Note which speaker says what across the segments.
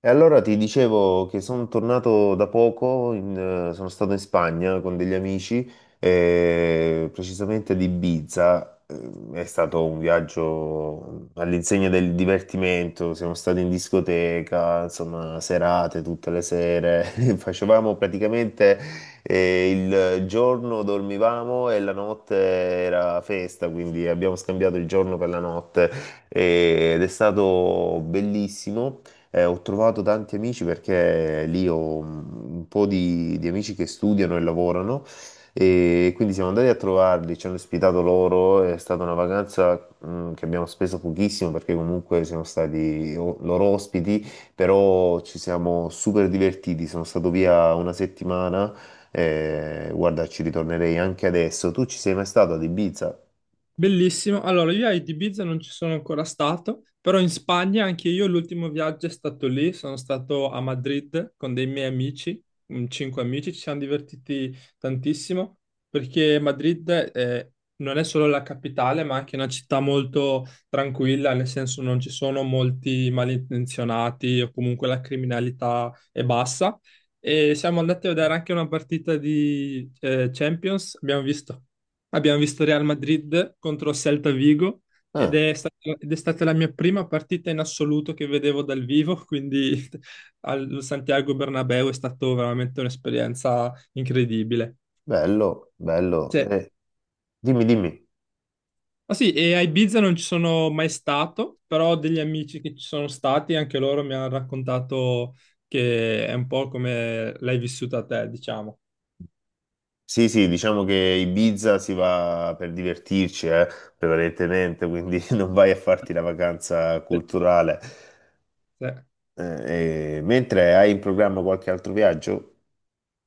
Speaker 1: E allora ti dicevo che sono tornato da poco, sono stato in Spagna con degli amici, precisamente ad Ibiza. È stato un viaggio all'insegna del divertimento, siamo stati in discoteca, insomma, serate tutte le sere, facevamo praticamente eh, il giorno dormivamo e la notte era festa, quindi abbiamo scambiato il giorno per la notte ed è stato bellissimo. Ho trovato tanti amici perché lì ho un po' di amici che studiano e lavorano e quindi siamo andati a trovarli, ci hanno ospitato loro, è stata una vacanza che abbiamo speso pochissimo perché comunque siamo stati loro ospiti, però ci siamo super divertiti, sono stato via una settimana, guarda ci ritornerei anche adesso. Tu ci sei mai stato ad Ibiza?
Speaker 2: Bellissimo. Allora, io a Ibiza non ci sono ancora stato, però in Spagna anche io l'ultimo viaggio è stato lì. Sono stato a Madrid con dei miei amici, cinque amici. Ci siamo divertiti tantissimo perché Madrid eh, non è solo la capitale, ma anche una città molto tranquilla, nel senso non ci sono molti malintenzionati o comunque la criminalità è bassa. E siamo andati a vedere anche una partita di Champions, abbiamo visto. Abbiamo visto Real Madrid contro Celta Vigo ed
Speaker 1: Ah,
Speaker 2: è stata, ed è stata la mia prima partita in assoluto che vedevo dal vivo, quindi al Santiago Bernabéu è stata veramente un'esperienza incredibile.
Speaker 1: bello, bello.
Speaker 2: Cioè,
Speaker 1: Dimmi, dimmi.
Speaker 2: ah sì, e a Ibiza non ci sono mai stato, però ho degli amici che ci sono stati, anche loro mi hanno raccontato che è un po' come l'hai vissuta te, diciamo.
Speaker 1: Sì, sì, diciamo che Ibiza si va per divertirci, prevalentemente, quindi non vai a farti la vacanza
Speaker 2: Sì.
Speaker 1: culturale.
Speaker 2: Sì.
Speaker 1: Mentre hai in programma qualche altro viaggio?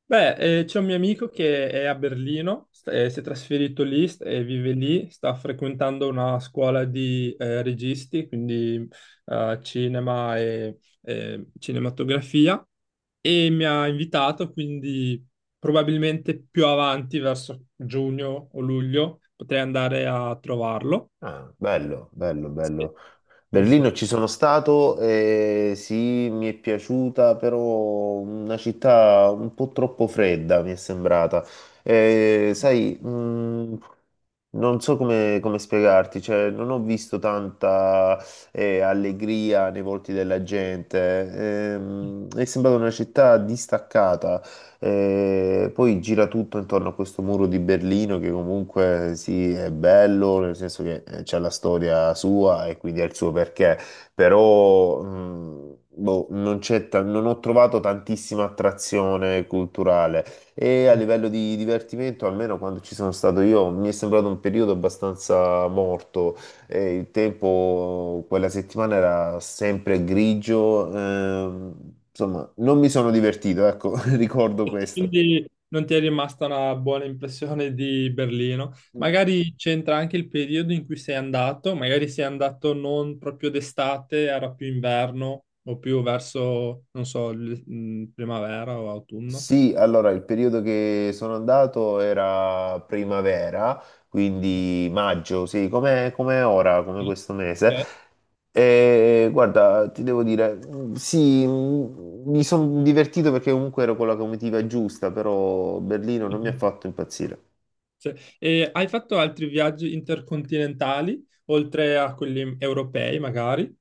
Speaker 2: Beh, c'è un mio amico che è a Berlino, si è trasferito lì e vive lì. Sta frequentando una scuola di registi, quindi cinema e cinematografia, e mi ha invitato, quindi probabilmente più avanti, verso giugno o luglio, potrei andare a trovarlo.
Speaker 1: Ah, bello, bello,
Speaker 2: Sì,
Speaker 1: bello.
Speaker 2: sì. Sì.
Speaker 1: Berlino ci sono stato, sì, mi è piaciuta, però una città un po' troppo fredda mi è sembrata. Sai, non so come, spiegarti, cioè, non ho visto tanta allegria nei volti della gente. È sembrata una città distaccata poi gira tutto intorno a questo muro di Berlino che comunque sì, è bello, nel senso che c'è la storia sua e quindi ha il suo perché, però boh, non c'è non ho trovato tantissima attrazione culturale e a livello di divertimento, almeno quando ci sono stato io, mi è sembrato un periodo abbastanza morto. E il tempo quella settimana era sempre grigio, insomma, non mi sono divertito, ecco, ricordo questo.
Speaker 2: Quindi non ti è rimasta una buona impressione di Berlino. Magari c'entra anche il periodo in cui sei andato, magari sei andato non proprio d'estate, era più inverno o più verso, non so, primavera o autunno.
Speaker 1: Sì, allora il periodo che sono andato era primavera, quindi maggio, sì, come ora, come questo mese.
Speaker 2: Ok.
Speaker 1: E guarda, ti devo dire, sì, mi sono divertito perché comunque ero con la comitiva giusta, però Berlino non mi ha fatto impazzire.
Speaker 2: Sì. E hai fatto altri viaggi intercontinentali, oltre a quelli europei, magari?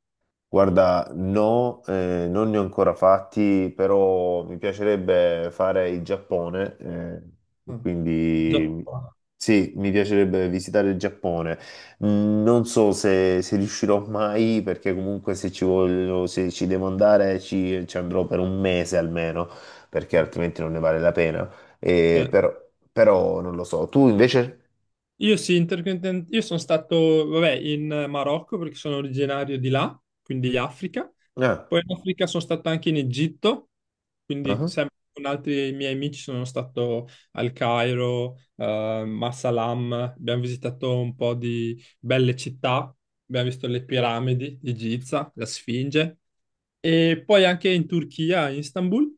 Speaker 1: Guarda, no, non ne ho ancora fatti, però mi piacerebbe fare il Giappone, e
Speaker 2: Ah.
Speaker 1: quindi
Speaker 2: Giappone.
Speaker 1: sì, mi piacerebbe visitare il Giappone. Non so se riuscirò mai, perché comunque se ci voglio, se ci devo andare ci andrò per un mese almeno, perché altrimenti non ne vale la pena. Eh, però, però, non lo so. Tu invece?
Speaker 2: Io sì, io sono stato, vabbè, in Marocco perché sono originario di là, quindi Africa.
Speaker 1: Ah,
Speaker 2: Poi in Africa sono stato anche in Egitto, quindi
Speaker 1: ah,
Speaker 2: sempre con altri miei amici sono stato al Cairo, Massalam. Abbiamo visitato un po' di belle città, abbiamo visto le piramidi di Giza, la Sfinge. E poi anche in Turchia, in Istanbul,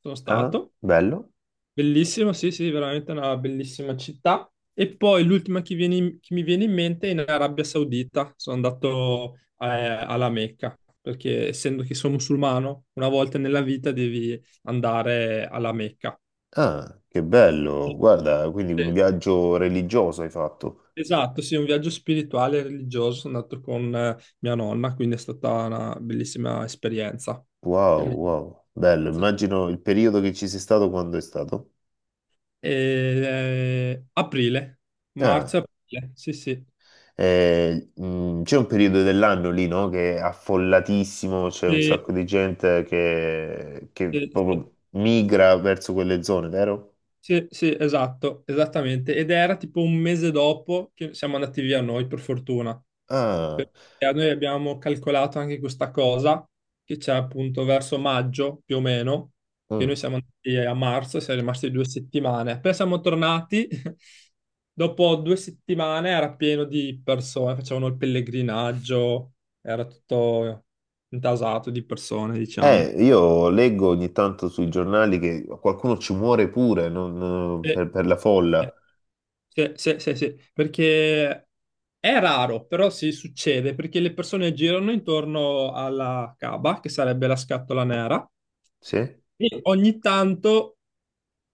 Speaker 2: sono
Speaker 1: ah, ah,
Speaker 2: stato.
Speaker 1: bello.
Speaker 2: Bellissimo, sì, sì, veramente una bellissima città. E poi l'ultima che mi viene in mente è in Arabia Saudita. Sono andato alla Mecca, perché essendo che sono musulmano, una volta nella vita devi andare alla Mecca.
Speaker 1: Ah, che bello, guarda, quindi un
Speaker 2: Eh,
Speaker 1: viaggio religioso hai fatto.
Speaker 2: Esatto, sì, un viaggio spirituale e religioso. Sono andato con mia nonna, quindi è stata una bellissima esperienza. Che
Speaker 1: Wow,
Speaker 2: mi-
Speaker 1: wow, bello, immagino il periodo che ci sei stato quando è stato.
Speaker 2: E, aprile,
Speaker 1: Ah,
Speaker 2: marzo-aprile, sì, sì.
Speaker 1: c'è un periodo dell'anno lì, no? Che è affollatissimo, c'è un
Speaker 2: E-
Speaker 1: sacco di gente che
Speaker 2: e-
Speaker 1: proprio migra verso quelle zone, vero?
Speaker 2: Sì, sì, esatto, esattamente. Ed era tipo un mese dopo che siamo andati via noi, per fortuna.
Speaker 1: Ah,
Speaker 2: Perché noi abbiamo calcolato anche questa cosa, che c'è appunto verso maggio, più o meno, che
Speaker 1: mm.
Speaker 2: noi siamo andati a marzo, siamo rimasti 2 settimane. Poi siamo tornati, dopo 2 settimane era pieno di persone, facevano il pellegrinaggio, era tutto intasato di persone, diciamo.
Speaker 1: Io leggo ogni tanto sui giornali che qualcuno ci muore pure per la folla.
Speaker 2: E- Sì, sì, sì, sì, perché è raro, però sì, succede, perché le persone girano intorno alla Kaaba, che sarebbe la scatola nera,
Speaker 1: Sì?
Speaker 2: e ogni tanto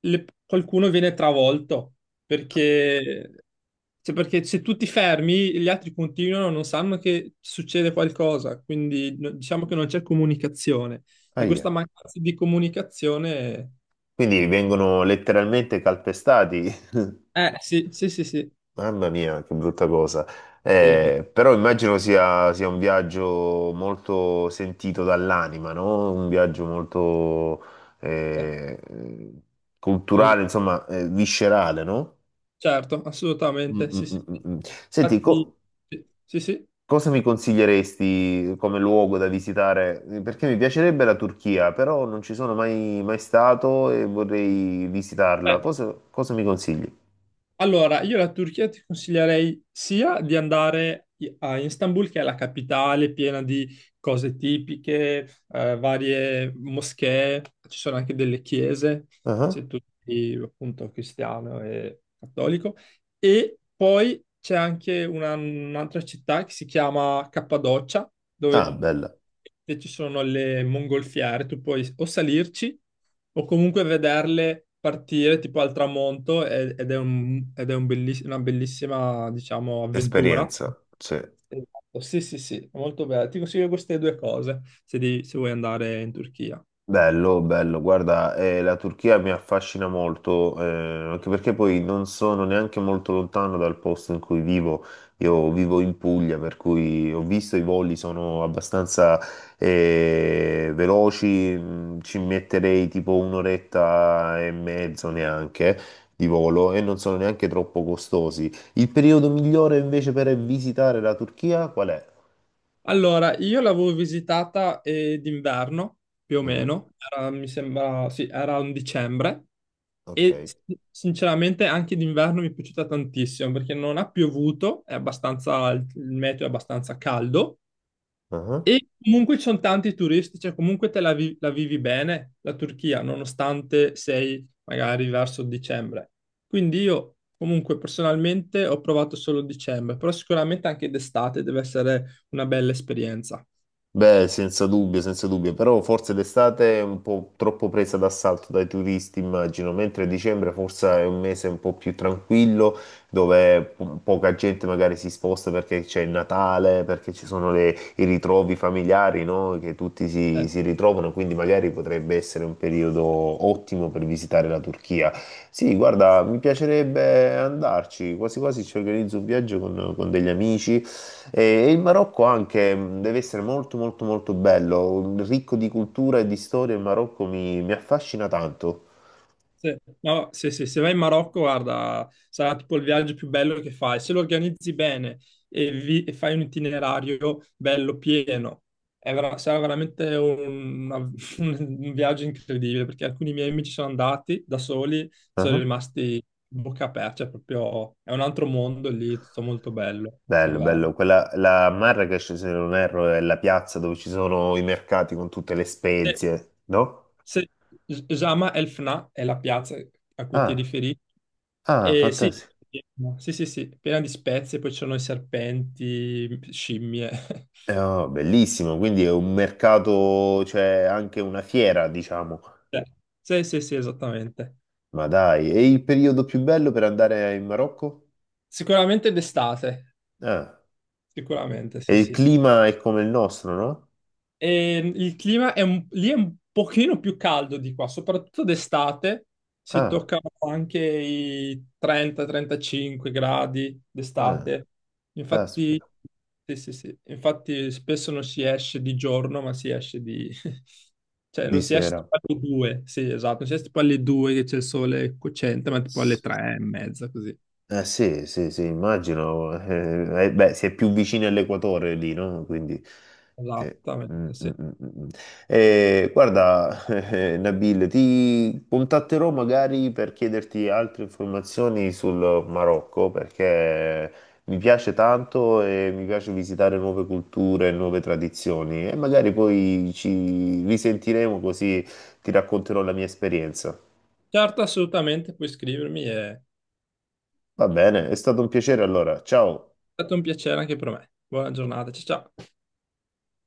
Speaker 2: qualcuno viene travolto, perché, cioè, perché se tu ti fermi, gli altri continuano, non sanno che succede qualcosa, quindi diciamo che non c'è comunicazione. E questa
Speaker 1: Ahia.
Speaker 2: mancanza di comunicazione,
Speaker 1: Quindi vengono letteralmente calpestati.
Speaker 2: sì, sì, sì, sì,
Speaker 1: Mamma mia, che brutta cosa.
Speaker 2: sì,
Speaker 1: Però immagino sia un viaggio molto sentito dall'anima, no? Un viaggio molto
Speaker 2: eh,
Speaker 1: eh,
Speaker 2: eh,
Speaker 1: culturale, insomma, viscerale, no?
Speaker 2: Certo,
Speaker 1: Mm,
Speaker 2: assolutamente,
Speaker 1: mm,
Speaker 2: sì, sì.
Speaker 1: mm, mm,
Speaker 2: Sì.
Speaker 1: mm. Senti,
Speaker 2: Infatti, sì, sì. Sì.
Speaker 1: cosa mi consiglieresti come luogo da visitare? Perché mi piacerebbe la Turchia, però non ci sono mai, mai stato e vorrei visitarla.
Speaker 2: Beh,
Speaker 1: Cosa mi consigli?
Speaker 2: allora, io la Turchia ti consiglierei sia di andare a Istanbul, che è la capitale piena di cose tipiche, varie moschee, ci sono anche delle chiese,
Speaker 1: Ah.
Speaker 2: se tu sei appunto cristiano e cattolico, e poi c'è anche un'altra città che si chiama Cappadocia,
Speaker 1: Ah,
Speaker 2: dove
Speaker 1: bella.
Speaker 2: e ci sono le mongolfiere, tu puoi o salirci o comunque vederle partire tipo al tramonto e- ed è un belliss- una bellissima, diciamo, avventura.
Speaker 1: Esperienza, sì.
Speaker 2: Esatto, sì, sì, sì, molto bello. Ti consiglio queste due cose se vuoi andare in Turchia.
Speaker 1: Bello, bello. Guarda, la Turchia mi affascina molto, anche perché poi non sono neanche molto lontano dal posto in cui vivo. Io vivo in Puglia, per cui ho visto i voli sono abbastanza veloci, ci metterei tipo un'oretta e mezzo neanche di volo e non sono neanche troppo costosi. Il periodo migliore invece per visitare la Turchia qual è?
Speaker 2: Allora, io l'avevo visitata d'inverno, più o
Speaker 1: Mm,
Speaker 2: meno, era, mi sembra, sì, era un dicembre,
Speaker 1: ok.
Speaker 2: e sinceramente anche d'inverno mi è piaciuta tantissimo, perché non ha piovuto, è abbastanza, il meteo è abbastanza caldo,
Speaker 1: Ah.
Speaker 2: e comunque ci sono tanti turisti, cioè comunque la vivi bene, la Turchia, nonostante sei magari verso dicembre. Quindi io, comunque, personalmente ho provato solo dicembre, però sicuramente anche d'estate deve essere una bella esperienza.
Speaker 1: Beh, senza dubbio, senza dubbio, però forse d'estate è un po' troppo presa d'assalto dai turisti, immagino, mentre dicembre forse è un mese un po' più tranquillo, dove poca gente magari si sposta perché c'è il Natale, perché ci sono i ritrovi familiari, no? Che tutti si,
Speaker 2: Eh,
Speaker 1: si ritrovano, quindi magari potrebbe essere un periodo ottimo per visitare la Turchia. Sì, guarda, mi piacerebbe andarci, quasi quasi ci organizzo un viaggio con degli amici. E il Marocco anche deve essere molto molto molto bello, ricco di cultura e di storia, il Marocco mi affascina tanto.
Speaker 2: sì. No, sì, sì, se vai in Marocco, guarda, sarà tipo il viaggio più bello che fai. Se lo organizzi bene e fai un itinerario bello pieno, sarà veramente un viaggio incredibile, perché alcuni miei amici sono andati da soli, sono
Speaker 1: Ah,
Speaker 2: rimasti bocca aperta, cioè proprio è un altro mondo lì, tutto molto bello,
Speaker 1: bello, bello.
Speaker 2: davvero.
Speaker 1: Quella, la Marrakesh, se non erro, è la piazza dove ci sono i mercati con tutte le spezie, no?
Speaker 2: Se Jama El Fna è la piazza a cui ti
Speaker 1: Ah,
Speaker 2: riferivi.
Speaker 1: ah,
Speaker 2: E sì,
Speaker 1: fantastico.
Speaker 2: sì, sì, sì, piena di spezie, poi ci sono i serpenti, scimmie.
Speaker 1: Oh, bellissimo, quindi è un mercato, cioè anche una fiera, diciamo.
Speaker 2: Cioè, sì, sì, sì, esattamente.
Speaker 1: Ma dai, e il periodo più bello per andare in Marocco?
Speaker 2: Sicuramente d'estate,
Speaker 1: Ah,
Speaker 2: sicuramente, sì,
Speaker 1: e il
Speaker 2: sì.
Speaker 1: clima è come il nostro, no?
Speaker 2: Il clima lì è un pochino più caldo di qua, soprattutto d'estate si
Speaker 1: Ah,
Speaker 2: toccano anche i 30-35 gradi
Speaker 1: ah.
Speaker 2: d'estate. Infatti,
Speaker 1: Caspita,
Speaker 2: sì, sì, sì. Infatti spesso non si esce di giorno, ma si esce di cioè
Speaker 1: di
Speaker 2: non si esce
Speaker 1: sera.
Speaker 2: tipo alle 2, sì, esatto, non si esce tipo alle 2 che c'è il sole cocente, ma tipo alle
Speaker 1: S-
Speaker 2: 3 e mezza così.
Speaker 1: Eh sì, sì, sì, immagino. Beh, si è più vicini all'equatore lì, no? Quindi, eh, mm,
Speaker 2: Esattamente,
Speaker 1: mm,
Speaker 2: sì.
Speaker 1: mm, mm. Mm. Guarda, Nabil, ti contatterò magari per chiederti altre informazioni sul Marocco, perché mi piace tanto e mi piace visitare nuove culture, nuove tradizioni e magari poi ci risentiremo così ti racconterò la mia esperienza.
Speaker 2: Certo, assolutamente, puoi scrivermi, è
Speaker 1: Va bene, è stato un piacere allora. Ciao.
Speaker 2: stato un piacere anche per me. Buona giornata, ciao ciao.